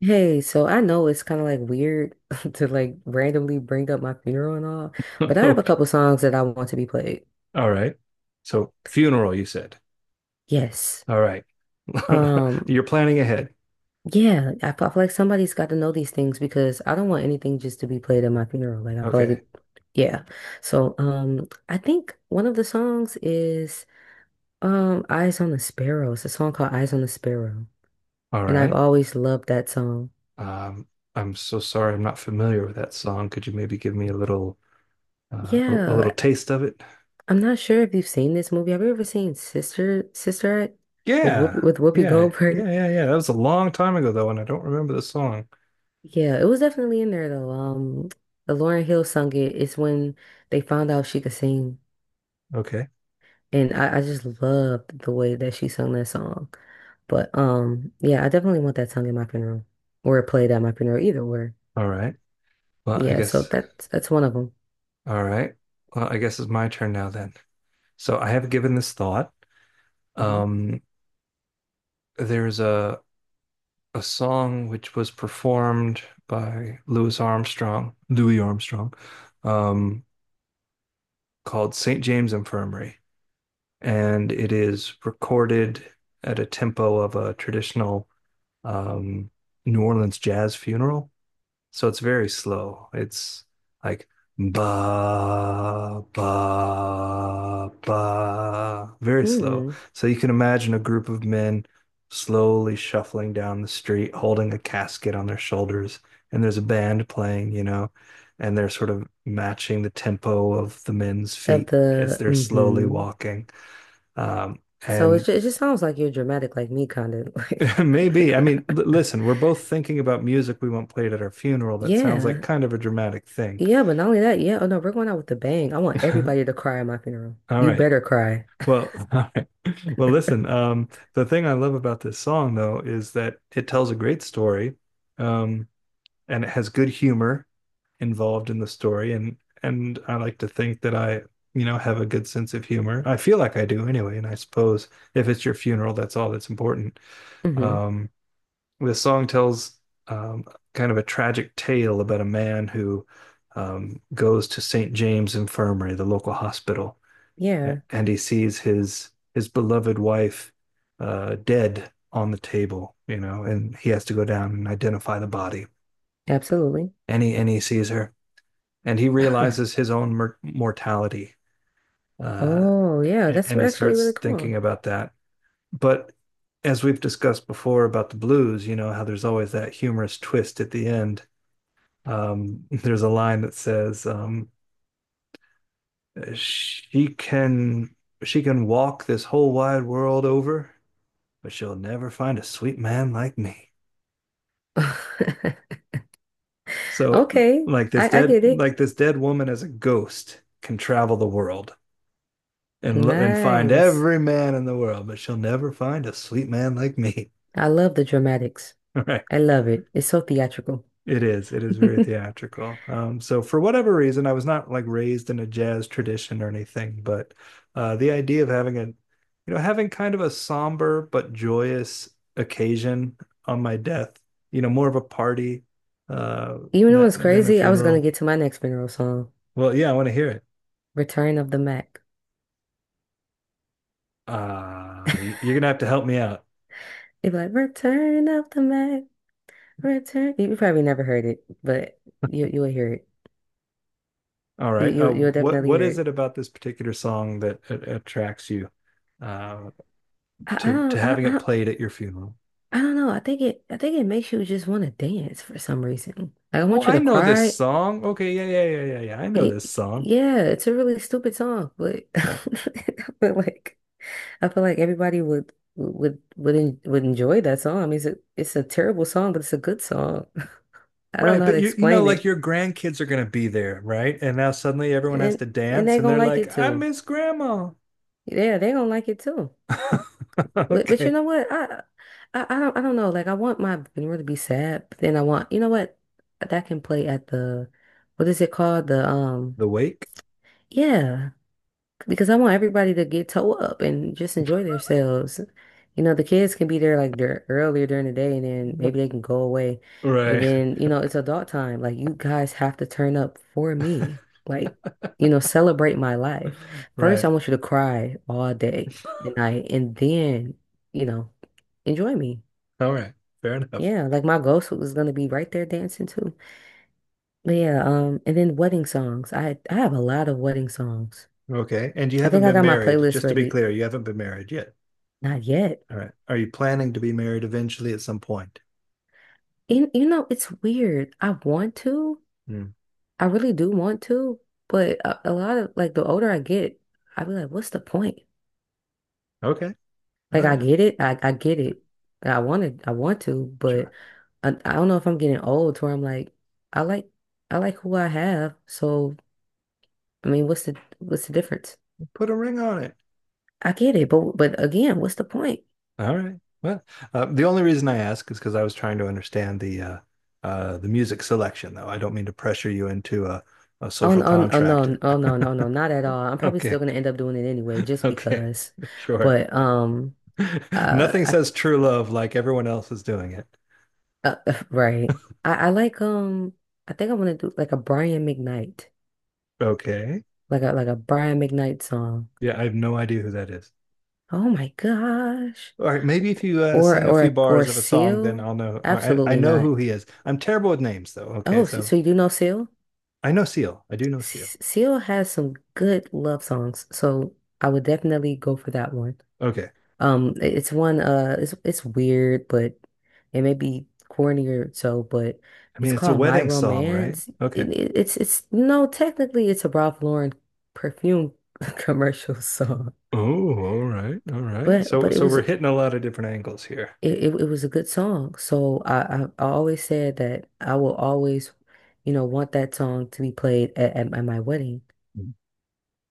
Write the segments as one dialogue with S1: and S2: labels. S1: Hey, so I know it's kind of like weird to like randomly bring up my funeral and all, but I have a
S2: Okay.
S1: couple songs that I want to be played.
S2: All right. So funeral, you said.
S1: Yes.
S2: All right.
S1: Um,
S2: You're planning ahead.
S1: yeah, I feel like somebody's got to know these things because I don't want anything just to be played at my funeral. Like I feel like
S2: Okay.
S1: it, yeah. So I think one of the songs is Eyes on the Sparrow. It's a song called Eyes on the Sparrow,
S2: All
S1: and I've
S2: right.
S1: always loved that song.
S2: Um, I'm so sorry. I'm not familiar with that song. Could you maybe give me a little
S1: Yeah,
S2: taste of it?
S1: I'm not sure if you've seen this movie. Have you ever seen Sister Act
S2: Yeah,
S1: With Whoopi
S2: yeah, yeah,
S1: Goldberg?
S2: yeah, yeah. That was a long time ago though, and I don't remember the song.
S1: Yeah, it was definitely in there though. Lauren Hill sung it. It's when they found out she could sing,
S2: Okay.
S1: and I just loved the way that she sung that song. But yeah, I definitely want that sung at my funeral or played at my funeral, either or.
S2: All right. Well, I
S1: Yeah, so
S2: guess.
S1: that's one of them.
S2: All right. Well, I guess it's my turn now then. So I have given this thought.
S1: Hmm.
S2: Um, there's a song which was performed by Louis Armstrong, Louis Armstrong, um, called St. James Infirmary. And it is recorded at a tempo of a traditional um, New Orleans jazz funeral. So it's very slow. It's like ba ba ba, very slow.
S1: Hmm.
S2: So you can imagine a group of men slowly shuffling down the street, holding a casket on their shoulders, and there's a band playing, you know, and they're sort of matching the tempo of the men's
S1: Of
S2: feet as
S1: the
S2: they're slowly
S1: hmm.
S2: walking. Um,
S1: So
S2: and
S1: it just sounds like you're dramatic like me, kind of like.
S2: Maybe, I mean, l listen, we're both thinking about music we want played at our funeral. That sounds like
S1: Yeah,
S2: kind of a dramatic thing.
S1: Yeah, but not only that, yeah, oh no, we're going out with a bang. I want everybody to cry at my funeral.
S2: All
S1: You
S2: right.
S1: better cry.
S2: Well, all right. Well, listen, the thing I love about this song though is that it tells a great story, um, and it has good humor involved in the story, and I like to think that I, you know, have a good sense of humor. I feel like I do anyway, and I suppose if it's your funeral, that's all that's important.
S1: Hmm.
S2: Um, the song tells um, kind of a tragic tale about a man who goes to St. James Infirmary, the local hospital,
S1: Yeah,
S2: and he sees his beloved wife, dead on the table, you know, and he has to go down and identify the body.
S1: absolutely.
S2: And he sees her, and he realizes his own mortality, uh,
S1: Oh, yeah, that's
S2: and he
S1: actually
S2: starts
S1: really
S2: thinking
S1: cool.
S2: about that. But as we've discussed before about the blues, you know how there's always that humorous twist at the end. There's a line that says, "She can she can walk this whole wide world over," but she'll never find a sweet man like me. So
S1: Okay, I get it.
S2: like this dead woman as a ghost can travel the world and find
S1: Nice.
S2: every man in the world, but she'll never find a sweet man like me.
S1: I love the dramatics.
S2: All right.
S1: I love it. It's so theatrical.
S2: It is. It is very
S1: Even
S2: theatrical. So for whatever reason, I was not like raised in a jazz tradition or anything, but the idea of having a, you know, having kind of a somber but joyous occasion on my death, you know, more of a party, uh,
S1: though
S2: that,
S1: it's
S2: than a
S1: crazy, I was gonna
S2: funeral.
S1: get to my next funeral song,
S2: Well, yeah, I want to hear it.
S1: Return of the Mac.
S2: You're gonna have to help me out.
S1: It'd be like, Return of the Mac, Return. You probably never heard it, but you'll hear it.
S2: All
S1: You you
S2: right.
S1: you'll you'll
S2: What
S1: definitely hear
S2: is
S1: it.
S2: it about this particular song that attracts you, uh,
S1: I, I
S2: to
S1: don't, I
S2: having
S1: don't, I
S2: it
S1: don't,
S2: played at your funeral?
S1: I don't know. I think I think it makes you just want to dance for some reason. Like, I
S2: Oh,
S1: want you
S2: I
S1: to
S2: know this
S1: cry.
S2: song. Okay, yeah, yeah, yeah, yeah, yeah. I know
S1: Y-
S2: this song.
S1: Yeah, it's a really stupid song, but I feel like everybody would en would enjoy that song. I mean, it's a terrible song, but it's a good song. I don't
S2: Right,
S1: know how to
S2: but you know,
S1: explain
S2: like
S1: it,
S2: your grandkids are gonna be there, right? And now suddenly everyone has
S1: and
S2: to dance
S1: they
S2: and
S1: gonna
S2: they're
S1: like
S2: like,
S1: it
S2: I
S1: too.
S2: miss grandma.
S1: Yeah, they gonna like it too. But you
S2: Okay.
S1: know what? I don't I don't know. Like I want my funeral to be sad, but then I want you know what? That can play at the what is it called? The
S2: The wake?
S1: yeah. Because I want everybody to get toe up and just enjoy themselves. You know, the kids can be there like dur earlier during the day and then maybe they can go away. And
S2: Right,
S1: then, you know, it's adult time. Like you guys have to turn up for me. Like, you know, celebrate my life. First, I
S2: right.
S1: want you to cry all day and night and then, you know, enjoy me.
S2: All right. Fair enough.
S1: Yeah, like my ghost was gonna be right there dancing too. But yeah, and then wedding songs. I have a lot of wedding songs.
S2: Okay. And you
S1: I
S2: haven't
S1: think I
S2: been
S1: got my
S2: married,
S1: playlist
S2: just to be
S1: ready.
S2: clear, you haven't been married yet.
S1: Not yet.
S2: All right. Are you planning to be married eventually at some point?
S1: And you know, it's weird. I want to.
S2: Hmm.
S1: I really do want to, but a lot of like the older I get, I be like, what's the point?
S2: Okay. All
S1: Like I
S2: right.
S1: get it. I get it. I want it. I want to, but
S2: Sure.
S1: I don't know if I'm getting old to where I'm like, I like I like who I have. So I mean, what's the difference?
S2: Put a ring on it.
S1: I get it, but again, what's the point?
S2: All right. Well, the only reason I ask is because I was trying to understand the music selection, though. I don't mean to pressure you into a
S1: Oh,
S2: social
S1: no, oh,
S2: contract.
S1: no, oh, no, no, no, not at all. I'm probably
S2: Okay.
S1: still gonna end up doing it anyway, just
S2: Okay.
S1: because.
S2: Sure.
S1: But uh,
S2: Nothing
S1: I,
S2: says true love like everyone else is doing it.
S1: uh, right. I like I think I want to do like a Brian McKnight,
S2: Okay.
S1: like a Brian McKnight song.
S2: Yeah, I have no idea who that is.
S1: Oh my gosh,
S2: All right. Maybe if you sing a few
S1: or
S2: bars of a song, then
S1: Seal?
S2: I'll know. I
S1: Absolutely
S2: know
S1: not.
S2: who he is. I'm terrible with names, though. Okay.
S1: Oh, so
S2: So
S1: so you do know Seal?
S2: I know Seal. I do know Seal.
S1: Seal has some good love songs, so I would definitely go for that one.
S2: Okay.
S1: It's weird, but it may be corny or so, but
S2: I mean,
S1: it's
S2: it's a
S1: called My
S2: wedding song, right?
S1: Romance.
S2: Okay.
S1: It's no, technically it's a Ralph Lauren perfume commercial song.
S2: Oh, all right, all right.
S1: But
S2: So,
S1: but
S2: so we're hitting a lot of different angles here.
S1: it was a good song. So I always said that I will always, you know, want that song to be played at, at my wedding.
S2: Mm.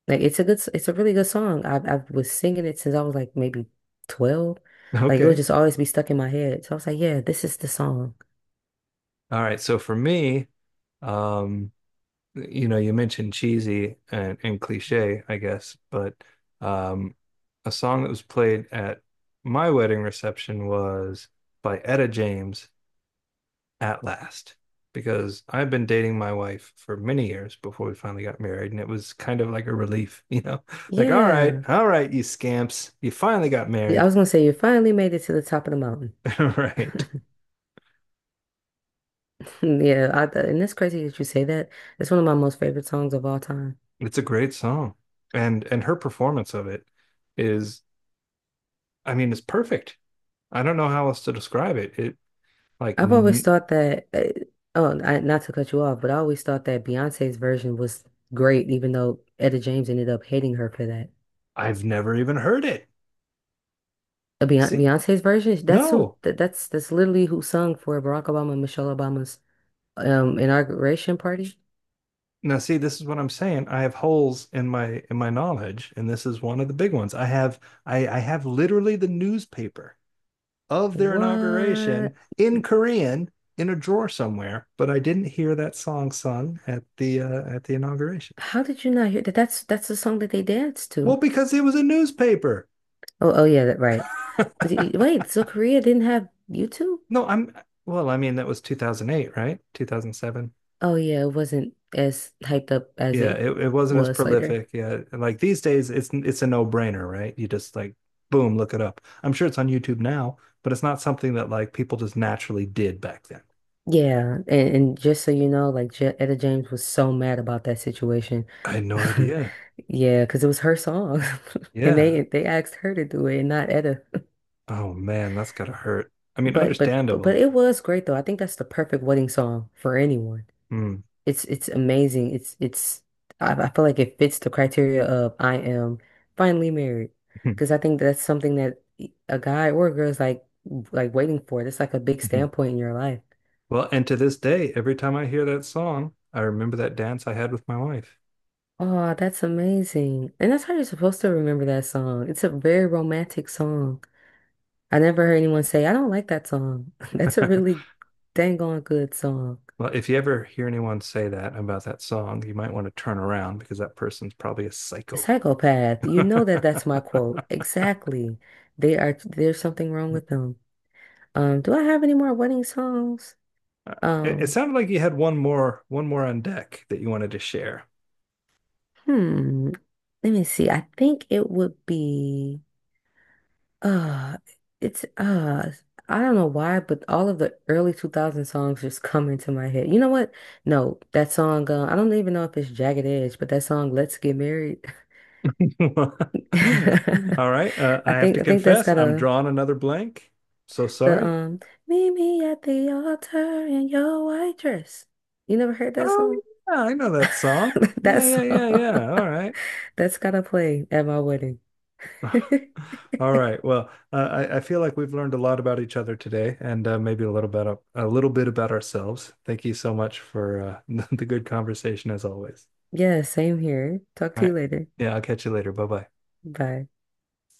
S1: Like it's a it's a really good song. I was singing it since I was like maybe 12. Like it would
S2: Okay.
S1: just always be stuck in my head. So I was like, yeah, this is the song.
S2: All right. So for me, um, you know, you mentioned cheesy and cliche, I guess, but um, a song that was played at my wedding reception was by Etta James, At Last, because I've been dating my wife for many years before we finally got married, and it was kind of like a relief, you know, like,
S1: Yeah.
S2: all right, you scamps, you finally got
S1: Yeah, I
S2: married.
S1: was gonna say you finally made it to the top of the mountain.
S2: All right.
S1: Yeah, and it's crazy that you say that. It's one of my most favorite songs of all time.
S2: It's a great song. And her performance of it is, I mean, it's perfect. I don't know how else to describe it. Like
S1: I've always
S2: n-
S1: thought that, not to cut you off, but I always thought that Beyonce's version was great, even though Etta James ended up hating her for that.
S2: I've never even heard it. See?
S1: Beyonce's version,
S2: No.
S1: that's literally who sung for Barack Obama and Michelle Obama's inauguration party?
S2: Now see, this is what I'm saying. I have holes in my knowledge, and this is one of the big ones. I have literally the newspaper of their inauguration
S1: What?
S2: in Korean in a drawer somewhere, but I didn't hear that song sung at the inauguration.
S1: How did you not hear that? That's the song that they danced
S2: Well,
S1: to.
S2: because it was a newspaper.
S1: Oh, oh yeah, that right. Wait, so Korea didn't have YouTube?
S2: No, I'm well, I mean that was 2008, right? 2007.
S1: Oh yeah, it wasn't as hyped up as
S2: Yeah,
S1: it
S2: it wasn't as
S1: was later.
S2: prolific. Yeah, and, like these days it's a no-brainer, right? You just like boom, look it up. I'm sure it's on YouTube now, but it's not something that like people just naturally did back then.
S1: Yeah, and just so you know, like Je Etta James was so mad about that situation.
S2: I had no idea.
S1: Yeah, because it was her song, and
S2: Yeah.
S1: they asked her to do it, and not Etta.
S2: Oh man, that's gotta hurt. I mean,
S1: But
S2: understandable.
S1: it
S2: But-
S1: was great though. I think that's the perfect wedding song for anyone.
S2: Mm.
S1: It's amazing. I feel like it fits the criteria of I am finally married because I think that's something that a guy or a girl is like waiting for. That's like a big standpoint in your life.
S2: Well, and to this day, every time I hear that song, I remember that dance I had with my wife.
S1: Oh, that's amazing. And that's how you're supposed to remember that song. It's a very romantic song. I never heard anyone say, I don't like that song. That's a really dang on good song.
S2: Well, if you ever hear anyone say that about that song, you might want to turn around because that person's probably a psycho.
S1: Psychopath, you
S2: it,
S1: know that that's my quote. Exactly. They are, there's something wrong with them. Do I have any more wedding songs?
S2: it
S1: Um,
S2: sounded like you had one more on deck that you wanted to share.
S1: hmm. Let me see. I think it would be uh it's I don't know why, but all of the early 2000 songs just come into my head. You know what? No, that song, I don't even know if it's Jagged Edge, but that song Let's Get Married.
S2: All right,
S1: I
S2: I have to
S1: I think that's
S2: confess,
S1: got
S2: I'm
S1: a
S2: drawing another blank. So
S1: the
S2: sorry.
S1: Meet me at the altar in your white dress. You never heard that
S2: Oh
S1: song?
S2: yeah, I know that song. Yeah,
S1: That
S2: yeah,
S1: song.
S2: yeah, yeah. All right.
S1: That's gotta play at my wedding.
S2: All right. Well, I feel like we've learned a lot about each other today, and maybe a little bit of, a little bit about ourselves. Thank you so much for the good conversation as always.
S1: Yeah, same here. Talk
S2: All
S1: to you
S2: right.
S1: later.
S2: Yeah, I'll catch you later. Bye bye.
S1: Bye.